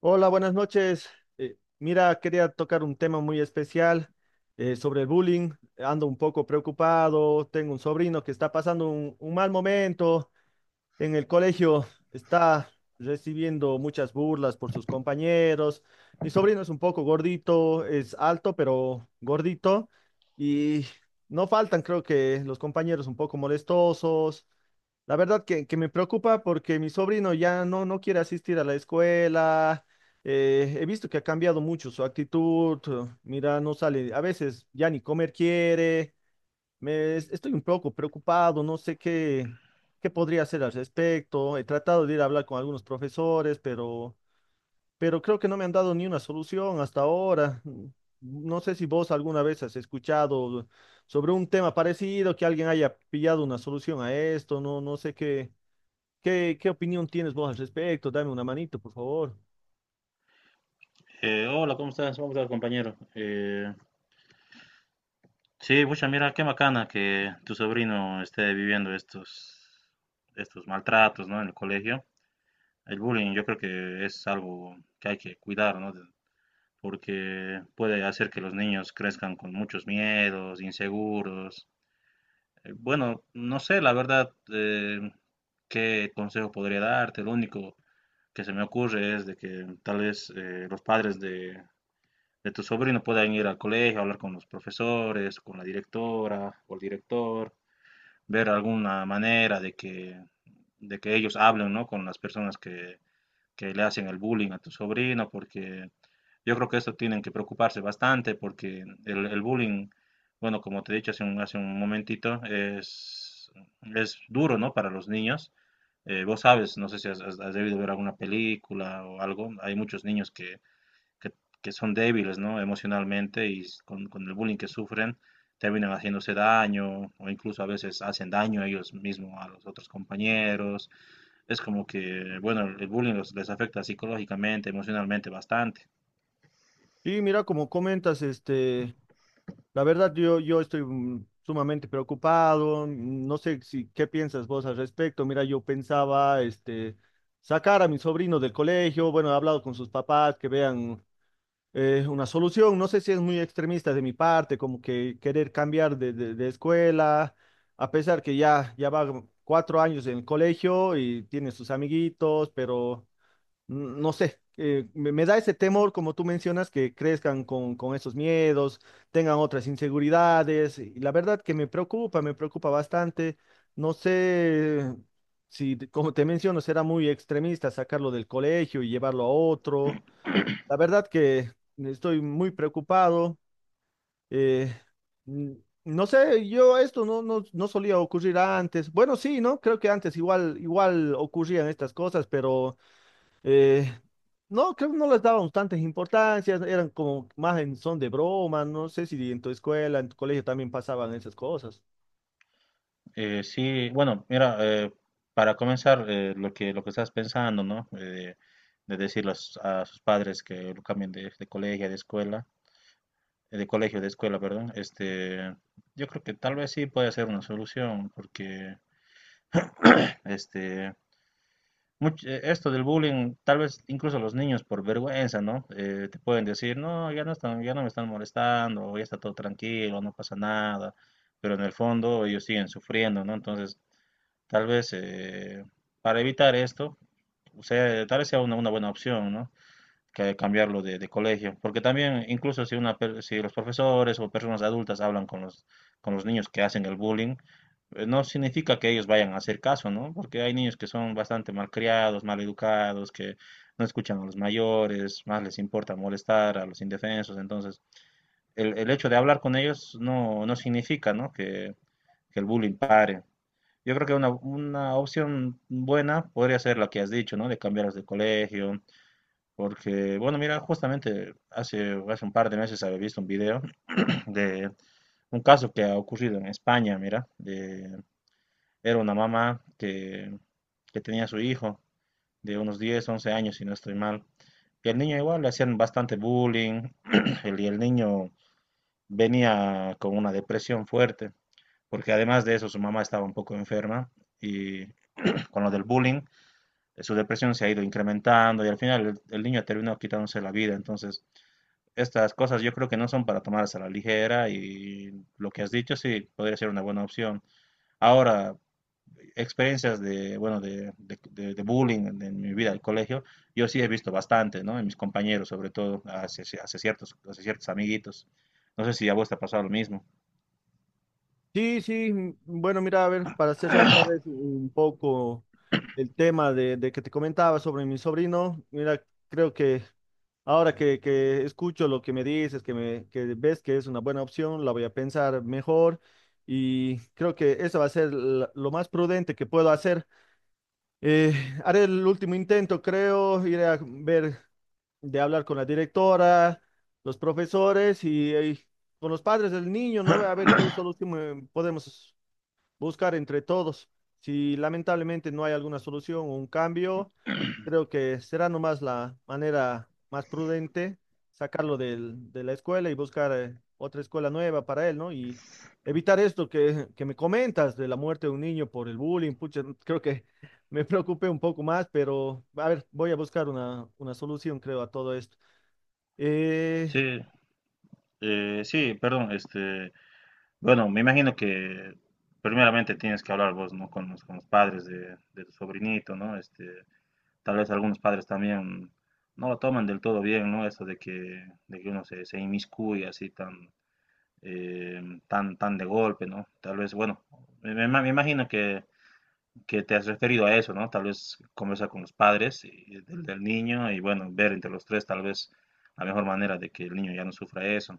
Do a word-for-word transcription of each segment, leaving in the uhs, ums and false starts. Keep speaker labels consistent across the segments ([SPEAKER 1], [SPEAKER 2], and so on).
[SPEAKER 1] Hola, buenas noches. Eh, mira, quería tocar un tema muy especial eh, sobre el bullying. Ando un poco preocupado. Tengo un sobrino que está pasando un, un mal momento en el colegio. Está recibiendo muchas burlas por sus compañeros. Mi sobrino es un poco gordito, es alto, pero gordito. Y no faltan, creo que, los compañeros un poco molestosos. La verdad que, que me preocupa porque mi sobrino ya no, no quiere asistir a la escuela. Eh, he visto que ha cambiado mucho su actitud. eh, Mira, no sale, a veces ya ni comer quiere. Me, es- estoy un poco preocupado, no sé qué, qué podría hacer al respecto. He tratado de ir a hablar con algunos profesores, pero pero creo que no me han dado ni una solución hasta ahora. No sé si vos alguna vez has escuchado sobre un tema parecido, que alguien haya pillado una solución a esto, no, no sé qué, qué, qué opinión tienes vos al respecto, dame una manito, por favor.
[SPEAKER 2] Eh, hola, ¿cómo estás? ¿Cómo estás, compañero? Eh, sí, mucha mira, qué bacana que tu sobrino esté viviendo estos, estos maltratos, ¿no? En el colegio. El bullying yo creo que es algo que hay que cuidar, ¿no? de- Porque puede hacer que los niños crezcan con muchos miedos, inseguros. Eh, Bueno, no sé, la verdad, eh, qué consejo podría darte. Lo único que se me ocurre es de que tal vez eh, los padres de, de tu sobrino puedan ir al colegio, hablar con los profesores, con la directora o el director, ver alguna manera de que, de que ellos hablen, ¿no? Con las personas que, que le hacen el bullying a tu sobrino, porque yo creo que esto tienen que preocuparse bastante, porque el, el bullying, bueno, como te he dicho hace un, hace un momentito, es, es duro, ¿no? Para los niños. Eh, vos sabes, no sé si has, has- has debido ver alguna película o algo, hay muchos niños que, que, que son débiles, ¿no? Emocionalmente y con, con el bullying que sufren, terminan haciéndose daño o incluso a veces hacen daño a ellos mismos a los otros compañeros. Es como que, bueno, el bullying los- les afecta psicológicamente, emocionalmente bastante.
[SPEAKER 1] Y mira, como comentas, este, la verdad yo, yo estoy mm, sumamente preocupado. mm, No sé si qué piensas vos al respecto. Mira, yo pensaba, este, sacar a mi sobrino del colegio. Bueno, he hablado con sus papás que vean eh, una solución. No sé si es muy extremista de mi parte, como que querer cambiar de, de- de escuela, a pesar que ya, ya va cuatro años en el colegio y tiene sus amiguitos, pero no sé, eh, me, me da ese temor, como tú mencionas, que crezcan con, con esos miedos, tengan otras inseguridades. Y la verdad que me preocupa, me preocupa bastante. No sé si, te- como te menciono, será muy extremista sacarlo del colegio y llevarlo a otro. La verdad que estoy muy preocupado. eh, mm, no sé, yo esto no, no, no solía ocurrir antes. Bueno, sí, ¿no? Creo que antes igual, igual ocurrían estas cosas, pero... Eh, no, creo que no les daban tantas importancias, eran como más en son de broma, no sé si en tu escuela, en tu colegio también pasaban esas cosas.
[SPEAKER 2] Eh, sí, bueno, mira, eh, para comenzar, eh, lo que, lo que estás pensando, ¿no? Eh, de decir a sus padres que lo cambien de, de colegio, de escuela, eh, de colegio, de escuela, perdón, este, yo creo que tal vez sí puede ser una solución, porque este, much- eh, esto del bullying, tal vez incluso los niños por vergüenza, ¿no? Eh, te pueden decir, no, ya no están, ya no me están molestando, o ya está todo tranquilo, no pasa nada, pero en el fondo ellos siguen sufriendo, ¿no? Entonces, tal vez eh, para evitar esto, o sea, tal vez sea una, una buena opción, ¿no? Que cambiarlo de, de colegio, porque también incluso si, una, si los profesores o personas adultas hablan con los, con los niños que hacen el bullying, eh, no significa que ellos vayan a hacer caso, ¿no? Porque hay niños que son bastante malcriados, maleducados, que no escuchan a los mayores, más les importa molestar a los indefensos, entonces el, el hecho de hablar con ellos no, no significa, ¿no? Que, que el bullying pare. Yo creo que una, una opción buena podría ser la que has dicho, ¿no? De cambiarlos de colegio, porque, bueno, mira, justamente hace, hace un par de meses había visto un video de un caso que ha ocurrido en España, mira, de, era una mamá que, que tenía a su hijo de unos diez once años, si no estoy mal, y al niño igual le hacían bastante bullying, el, y el niño venía con una depresión fuerte, porque además de eso su mamá estaba un poco enferma, y con lo del bullying, eh, su depresión se ha ido incrementando, y al final el, el niño terminó quitándose la vida, entonces estas cosas yo creo que no son para tomarse a la ligera y lo que has dicho sí podría ser una buena opción. Ahora, experiencias de, bueno, de, de, de, de bullying en mi vida del colegio, yo sí he visto bastante, ¿no? En mis compañeros, sobre todo, hacia, hacia ciertos, hacia ciertos amiguitos. No sé si a vos te ha pasado lo mismo.
[SPEAKER 1] Sí, sí, mm, bueno, mira, a ver, para cerrar tal vez un poco el tema de, de que te comentaba sobre mi sobrino, mira, creo que ahora que, que escucho lo que me dices, que, me, que ves que es una buena opción, la voy a pensar mejor y creo que eso va a ser la- lo más prudente que puedo hacer. Eh, Haré el último intento, creo, iré a ver, de hablar con la directora, los profesores y, eh, con los padres del niño, ¿no? A ver qué solución eh, podemos buscar entre todos. Si lamentablemente no hay alguna solución o un cambio, creo que será nomás la manera más prudente sacarlo del- de la escuela y buscar eh, otra escuela nueva para él, ¿no? Y evitar esto que, que me comentas de la muerte de un niño por el bullying. Pucha, creo que me preocupé un poco más, pero a ver, voy a buscar una, una solución, creo, a todo esto. Eh,
[SPEAKER 2] Sí, eh, sí, perdón, este, bueno, me imagino que primeramente tienes que hablar vos, ¿no? Con los, con los padres de, de tu sobrinito, ¿no? Este, tal vez algunos padres también no lo toman del todo bien, ¿no? Eso de que, de que uno se, se inmiscuye así tan, eh, tan, tan de golpe, ¿no? Tal vez, bueno, me, me ima- me imagino que, que te has referido a eso, ¿no? Tal vez conversar con los padres y- del, del niño y, bueno, ver entre los tres tal vez la mejor manera de que el niño ya no sufra eso.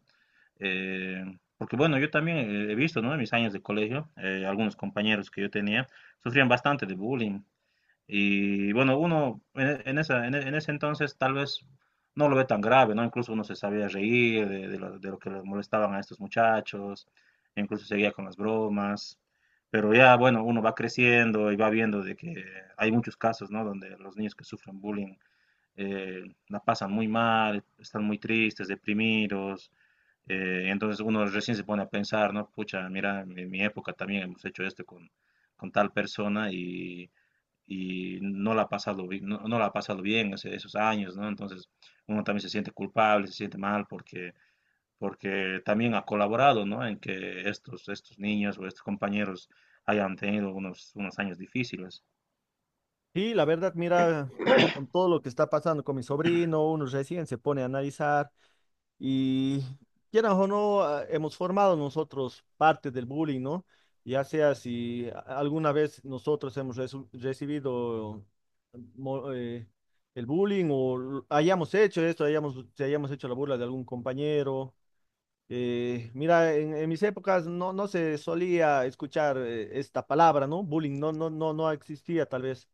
[SPEAKER 2] Eh, Porque, bueno, yo también eh, he visto, ¿no? En mis años de colegio, eh, algunos compañeros que yo tenía sufrían bastante de bullying. Y bueno, uno en, en esa, en, en ese entonces tal vez no lo ve tan grave, ¿no? Incluso uno se sabía reír de, de lo, de lo que les molestaban a estos muchachos, incluso seguía con las bromas, pero ya, bueno, uno va creciendo y va viendo de que hay muchos casos, ¿no? Donde los niños que sufren bullying eh, la pasan muy mal, están muy tristes, deprimidos, eh, entonces uno recién se pone a pensar, ¿no? Pucha, mira, en mi época también hemos hecho esto con, con tal persona y y no la ha pasado, bi- no, no la ha pasado bien ese- esos años, ¿no? Entonces uno también se siente culpable, se siente mal porque, porque también ha colaborado, ¿no? En que estos, estos niños o estos compañeros hayan tenido unos, unos años difíciles.
[SPEAKER 1] y la verdad, mira, con todo lo que está pasando con mi sobrino, uno recién se pone a analizar. Y quieras o no, ah, hemos formado nosotros parte del bullying, ¿no? Ya sea si a- alguna vez nosotros hemos resu- recibido mo- eh, el bullying o l- hayamos hecho esto, hayamos, si hayamos hecho la burla de algún compañero, eh, mira, en, en mis épocas no, no se solía escuchar eh, esta palabra, ¿no? Bullying no, no, no, no existía tal vez.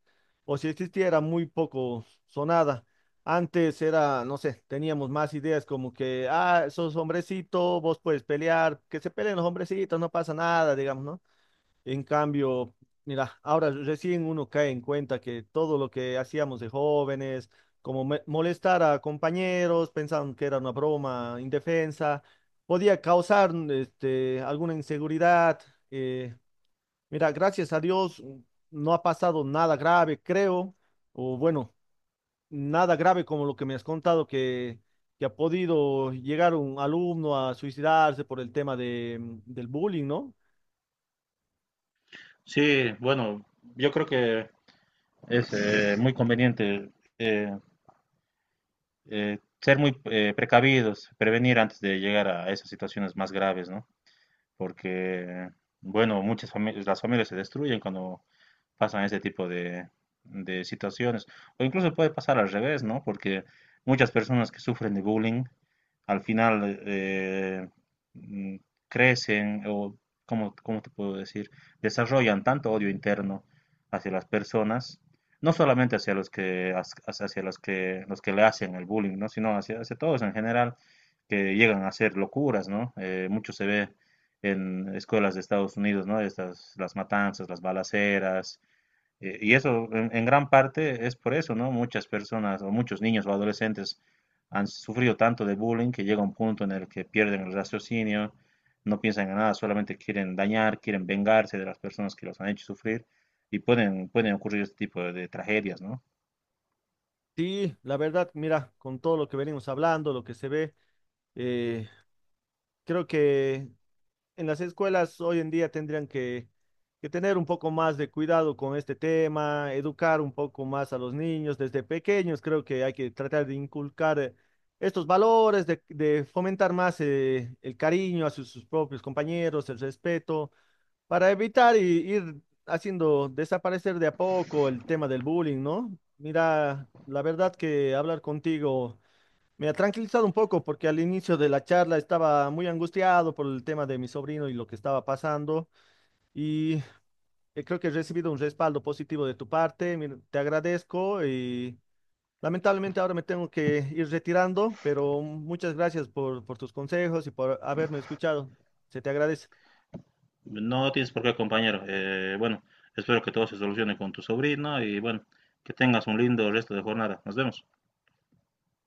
[SPEAKER 1] O si existía era muy poco sonada. Antes era, no sé, teníamos más ideas como que, ah, sos hombrecito, vos puedes pelear, que se peleen los hombrecitos, no pasa nada, digamos, ¿no? En cambio, mira, ahora recién uno cae en cuenta que todo lo que hacíamos de jóvenes, como me- molestar a compañeros, pensaban que era una broma indefensa, podía causar mm, este, alguna inseguridad. eh, Mira, gracias a Dios no ha pasado nada grave, creo, o bueno, nada grave como lo que me has contado que, que ha podido llegar un alumno a suicidarse por el tema de, mm, del bullying, ¿no?
[SPEAKER 2] Sí, bueno, yo creo que es eh, muy conveniente eh, eh, ser muy eh, precavidos, prevenir antes de llegar a esas situaciones más graves, ¿no? Porque, bueno, muchas familias, las familias se destruyen cuando pasan este tipo de, de situaciones. O incluso puede pasar al revés, ¿no? Porque muchas personas que sufren de bullying al final eh, mm, crecen o, ¿cómo, cómo te puedo decir? Desarrollan tanto odio interno hacia las personas, no solamente hacia los que, hacia hacia los que, los que le hacen el bullying, ¿no? Sino hacia, hacia todos en general que llegan a hacer locuras, ¿no? Eh, mucho se ve en escuelas de Estados Unidos, ¿no? Estas, las matanzas, las balaceras. Eh, y eso en, en gran parte es por eso, ¿no? Muchas personas o muchos niños o adolescentes han sufrido tanto de bullying que llega un punto en el que pierden el raciocinio, no piensan en nada, solamente quieren dañar, quieren vengarse de las personas que los han hecho sufrir y pueden, pueden ocurrir este tipo de, de tragedias, ¿no?
[SPEAKER 1] Sí, la verdad, mira, con todo lo que venimos hablando, lo que se ve, eh, creo que en las escuelas hoy en día tendrían que, que tener un poco más de cuidado con este tema, educar un poco más a los niños desde pequeños. Creo que hay que tratar de inculcar eh, estos valores, de, de fomentar más eh, el cariño hacia sus propios compañeros, el respeto. Para evitar y ir haciendo desaparecer de a poco el tema del bullying, ¿no? Mira, la verdad que hablar contigo me ha tranquilizado un poco porque al inicio de la charla estaba muy angustiado por el tema de mi sobrino y lo que estaba pasando y eh, creo que he recibido un respaldo positivo de tu parte. Mira, te agradezco y lamentablemente ahora me tengo que ir retirando, pero muchas gracias por, por tus consejos y por haberme escuchado. Se te agradece.
[SPEAKER 2] No tienes por qué, compañero. Eh, bueno, espero que todo se solucione con tu sobrino y bueno, que tengas un lindo resto de jornada. Nos vemos.